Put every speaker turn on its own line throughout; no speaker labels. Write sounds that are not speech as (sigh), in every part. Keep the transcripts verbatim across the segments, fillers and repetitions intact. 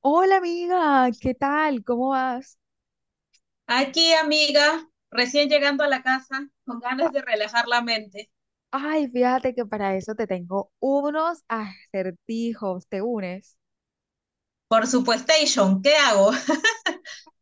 Hola amiga, ¿qué tal? ¿Cómo vas?
Aquí, amiga, recién llegando a la casa, con
A-
ganas de relajar la mente.
Ay, fíjate que para eso te tengo unos acertijos, ¿te unes?
Por supuestation, ¿qué hago? (laughs)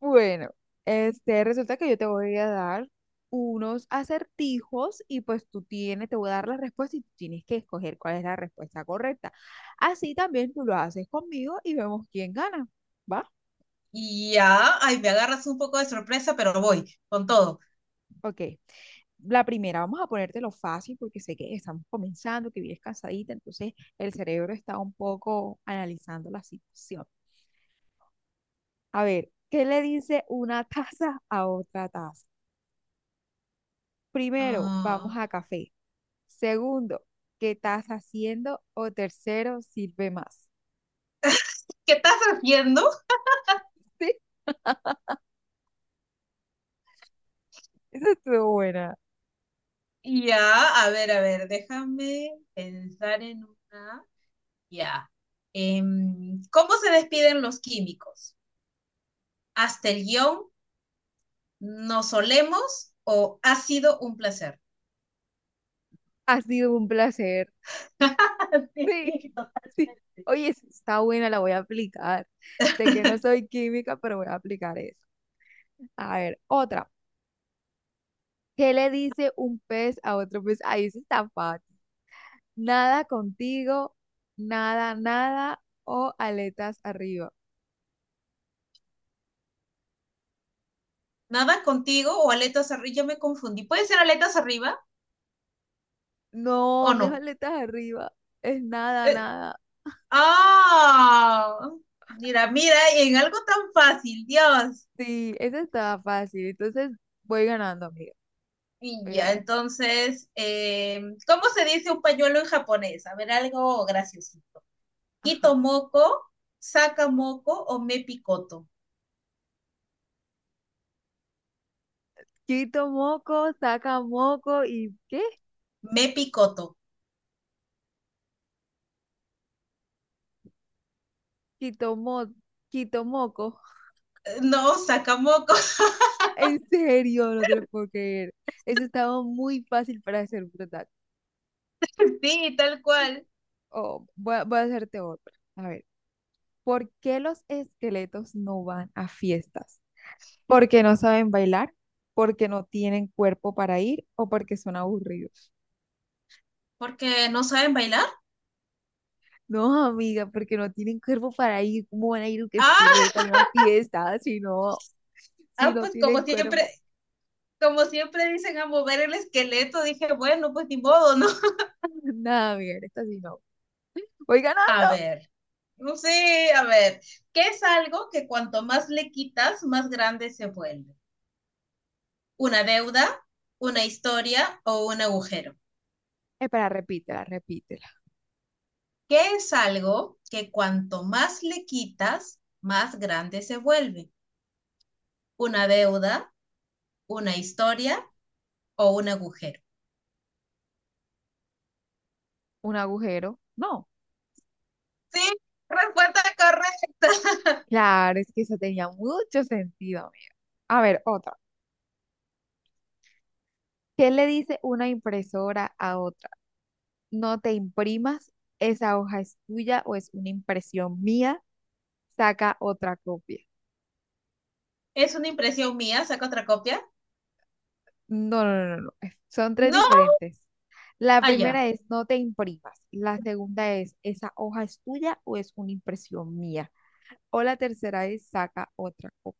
Bueno, este, resulta que yo te voy a dar unos acertijos y pues tú tienes, te voy a dar la respuesta y tú tienes que escoger cuál es la respuesta correcta. Así también tú lo haces conmigo y vemos quién gana, ¿va?
Y ya, ay, me agarras un poco de sorpresa, pero voy, con todo.
Ok. La primera, vamos a ponértelo fácil porque sé que estamos comenzando, que vienes cansadita, entonces el cerebro está un poco analizando la situación. A ver, ¿qué le dice una (laughs) taza a otra taza? Primero, vamos
Ah,
a café. Segundo, ¿qué estás haciendo? O tercero, sirve más.
¿qué estás haciendo?
(laughs) Sí, esa estuvo buena.
Y ya, a ver, a ver, déjame pensar en una. Ya. Em, ¿cómo se despiden los químicos? ¿Hasta el guión? ¿Nos solemos o ha sido un placer?
Ha sido un placer. Sí, (laughs)
(laughs)
sí. Oye, esa está buena, la voy a aplicar. Sé que no soy química, pero voy a aplicar eso. A ver, otra. ¿Qué le dice un pez a otro pez? Ahí sí está fácil. Nada contigo, nada, nada o aletas arriba.
¿Nadan contigo o aletas arriba? Ya me confundí. ¿Puede ser aletas arriba
No,
o
no es
no?
aletas arriba, es nada,
Eh,
nada.
ah, mira, mira, en algo tan fácil, Dios.
Sí, eso estaba fácil. Entonces voy ganando, amiga.
Y
Voy
ya,
ganando.
entonces, eh, ¿cómo se dice un pañuelo en japonés? A ver, algo graciosito.
Ajá.
Quito moco, saca moco o me picoto.
Quito moco, saca moco y ¿qué?
Me picoto.
Quito mo, quito moco. (laughs)
Eh, No, saca moco.
En serio, no te lo puedo creer. Eso estaba muy fácil para ser verdad.
(laughs) Sí, tal cual.
Oh, voy a, voy a hacerte otra. A ver. ¿Por qué los esqueletos no van a fiestas? ¿Porque no saben bailar? ¿Porque no tienen cuerpo para ir? ¿O porque son aburridos?
Porque no saben bailar.
No, amiga, porque no tienen cuerpo para ir. ¿Cómo van a ir un
Ah,
esqueleto a una fiesta si no, si
ah,
no
pues como
tienen
siempre,
cuerpo?
como siempre dicen a mover el esqueleto, dije, bueno, pues ni modo, ¿no?
(laughs) Nada, amiga, en esta sí no. Voy
A
ganando.
ver, no sé, a ver, ¿qué es algo que cuanto más le quitas, más grande se vuelve? ¿Una deuda, una historia o un agujero?
Espera, repítela, repítela.
¿Qué es algo que cuanto más le quitas, más grande se vuelve? ¿Una deuda, una historia o un agujero?
¿Un agujero? No.
Sí, respuesta correcta.
Claro, es que eso tenía mucho sentido, amiga. A ver, otra. ¿Qué le dice una impresora a otra? No te imprimas, esa hoja es tuya o es una impresión mía, saca otra copia.
(laughs) ¿Es una impresión mía? ¿Saco otra copia?
No, no, no, no, no, es- son tres
No,
diferentes. La
allá.
primera es no te imprimas, la segunda es esa hoja es tuya o es una impresión mía, o la tercera es saca otra copia.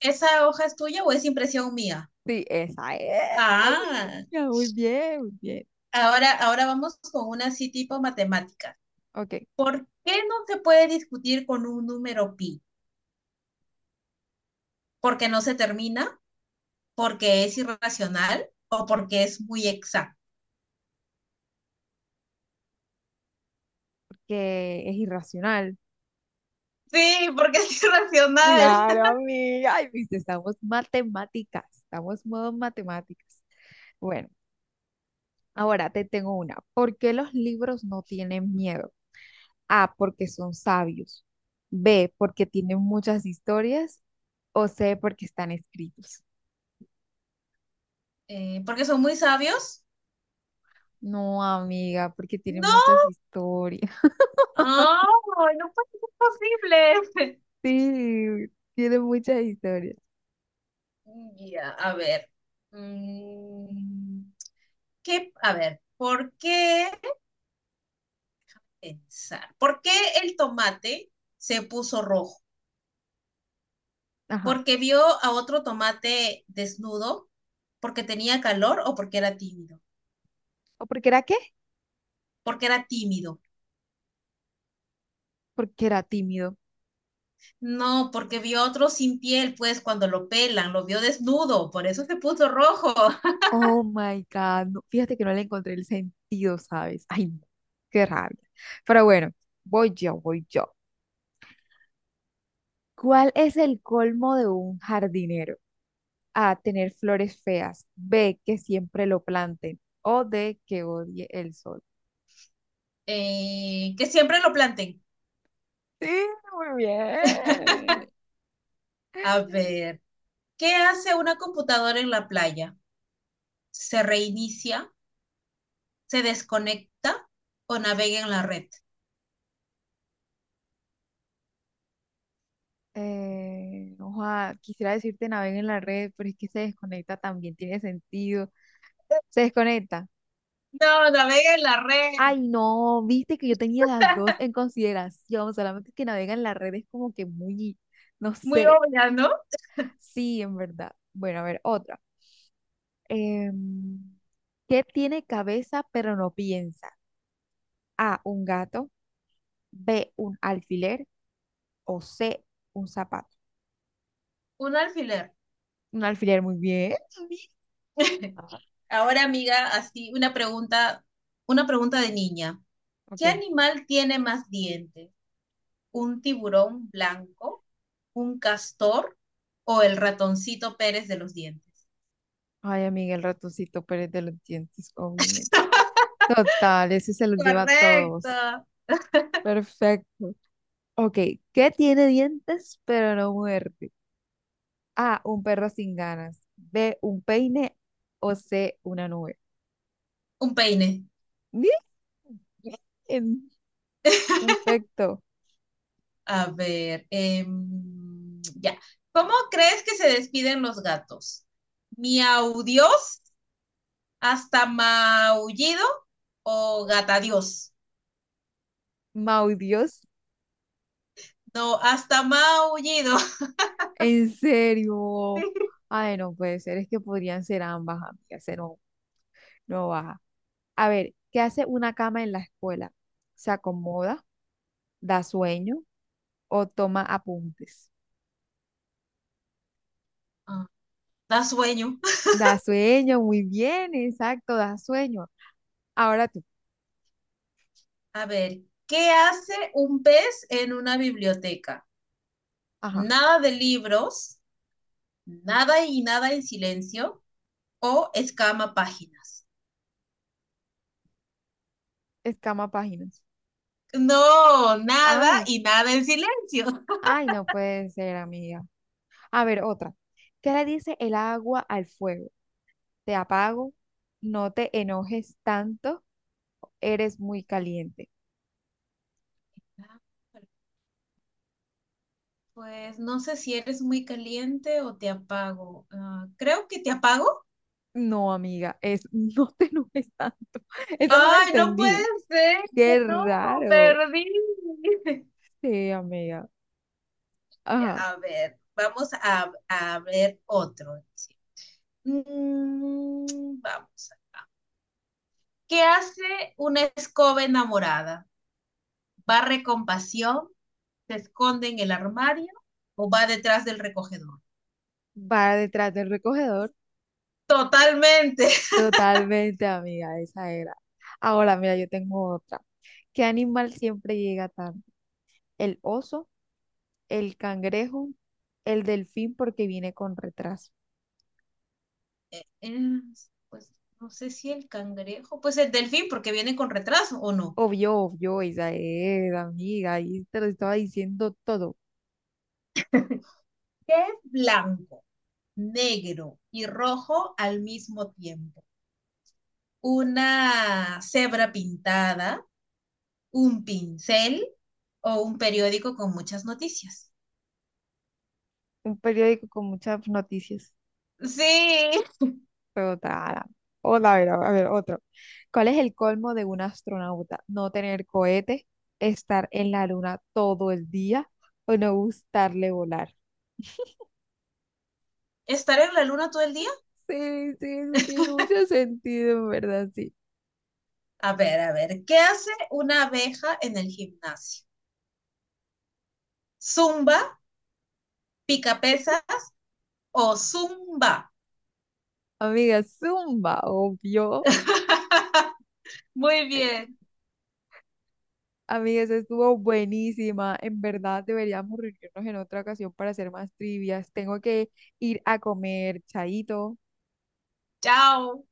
¿Esa hoja es tuya o es impresión mía?
Sí, esa es,
Ah,
amiga, muy bien, muy bien.
ahora, ahora vamos con una así tipo matemática.
Ok,
¿Por qué no se puede discutir con un número pi? ¿Porque no se termina? ¿Porque es irracional? ¿O porque es muy exacto?
porque es irracional.
Sí, porque es (laughs) irracional.
Claro, amiga, ay, viste, estamos matemáticas, estamos modo matemáticas. Bueno. Ahora te tengo una. ¿Por qué los libros no tienen miedo? A, porque son sabios. B, porque tienen muchas historias. O C, porque están escritos.
Eh, ¿porque son muy sabios?
No, amiga, porque tienen
No.
muchas historias. (laughs)
Ah, no puede ser posible. (laughs)
Sí, tienen muchas historias.
Ya, a ver. Mm, ¿qué? A ver, ¿por qué pensar? ¿Por qué el tomate se puso rojo?
Ajá.
¿Porque vio a otro tomate desnudo? ¿Porque tenía calor o porque era tímido?
¿O porque era qué?
Porque era tímido.
Porque era tímido.
No, porque vio a otro sin piel, pues cuando lo pelan, lo vio desnudo, por eso se puso rojo. (laughs)
Oh my God. No, fíjate que no le encontré el sentido, ¿sabes? Ay, no, qué rabia. Pero bueno, voy yo, voy yo. ¿Cuál es el colmo de un jardinero? A, tener flores feas. B, que siempre lo planten. O D, que odie el sol.
Eh, que siempre lo planten.
Sí, muy bien.
A ver, ¿qué hace una computadora en la playa? ¿Se reinicia? ¿Se desconecta? ¿O navega en la red?
Eh, ojalá, quisiera decirte naveguen en la red, pero es que se desconecta también, tiene sentido. Se desconecta.
No, navega en la red.
Ay, no, viste que yo tenía las dos en consideración, solamente que navega en la red es como que muy, no
Muy
sé.
obvia, ¿no?
Sí, en verdad. Bueno, a ver, otra. Em, ¿qué tiene cabeza pero no piensa? A, un gato. B, un alfiler o C, un zapato.
Un alfiler.
Un alfiler, muy bien. Amiga.
(laughs) Ahora, amiga, así una pregunta, una pregunta de niña. ¿Qué
Ok.
animal tiene más dientes? ¿Un tiburón blanco, un castor o el ratoncito Pérez de los dientes?
Ay, amiga, el ratoncito Pérez de los dientes, obviamente. Total, ese se los lleva a todos.
Correcto.
Perfecto. Ok, ¿qué tiene dientes pero no muerde? A, un perro sin ganas. B, un peine o C, una nube.
Un peine.
Bien, bien. Perfecto.
A ver, em, ya. ¿Cómo crees que se despiden los gatos? ¿Miau Dios? ¿Hasta maullido o gata Dios?
Mau Dios,
No, hasta maullido.
en serio. Ay, no puede ser, es que podrían ser ambas, amigas. Se nos no baja. A ver, ¿qué hace una cama en la escuela? ¿Se acomoda? ¿Da sueño? ¿O toma apuntes?
(laughs) Da sueño.
Da sueño, muy bien, exacto, da sueño. Ahora tú,
A ver, ¿qué hace un pez en una biblioteca?
ajá,
Nada de libros, nada y nada en silencio o escama páginas.
escama páginas.
No, nada
Ay,
y nada en silencio.
ay, no puede ser, amiga. A ver, otra. ¿Qué le dice el agua al fuego? ¿Te apago? ¿No te enojes tanto? ¿Eres muy caliente?
Pues no sé si eres muy caliente o te apago. Ah, creo que te apago.
No, amiga, es (laughs) no te enojes tanto. (laughs) Esa no la
Ay, no puede
entendí.
ser.
Qué
No,
raro.
perdí. (laughs)
Sí, amiga. Ajá.
A ver, vamos a, a ver otro. Mm, vamos. ¿Qué hace una escoba enamorada? ¿Barre con pasión? ¿Se esconde en el armario? ¿O va detrás del recogedor?
Va detrás del recogedor.
Totalmente. (laughs)
Totalmente, amiga, esa era. Ahora, mira, yo tengo otra. ¿Qué animal siempre llega tarde? ¿El oso, el cangrejo, el delfín porque viene con retraso?
Eh, pues no sé si el cangrejo, pues el delfín, porque viene con retraso o no.
Obvio, obvio, esa es, amiga. Ahí te lo estaba diciendo todo.
¿Qué es blanco, negro y rojo al mismo tiempo? ¿Una cebra pintada? ¿Un pincel? ¿O un periódico con muchas noticias?
Un periódico con muchas noticias.
Sí.
Total. Hola, a ver, a ver, otro. ¿Cuál es el colmo de un astronauta? ¿No tener cohete, estar en la luna todo el día o no gustarle volar?
¿Estar en la luna todo el día?
Sí, sí, eso tiene mucho sentido, en verdad, sí.
A ver, a ver, ¿qué hace una abeja en el gimnasio? ¿Zumba, pica pesa o zumba?
Amiga, zumba, obvio.
(laughs) Muy
Amigas,
bien,
estuvo buenísima. En verdad, deberíamos reunirnos en otra ocasión para hacer más trivias. Tengo que ir a comer, chaito.
chao.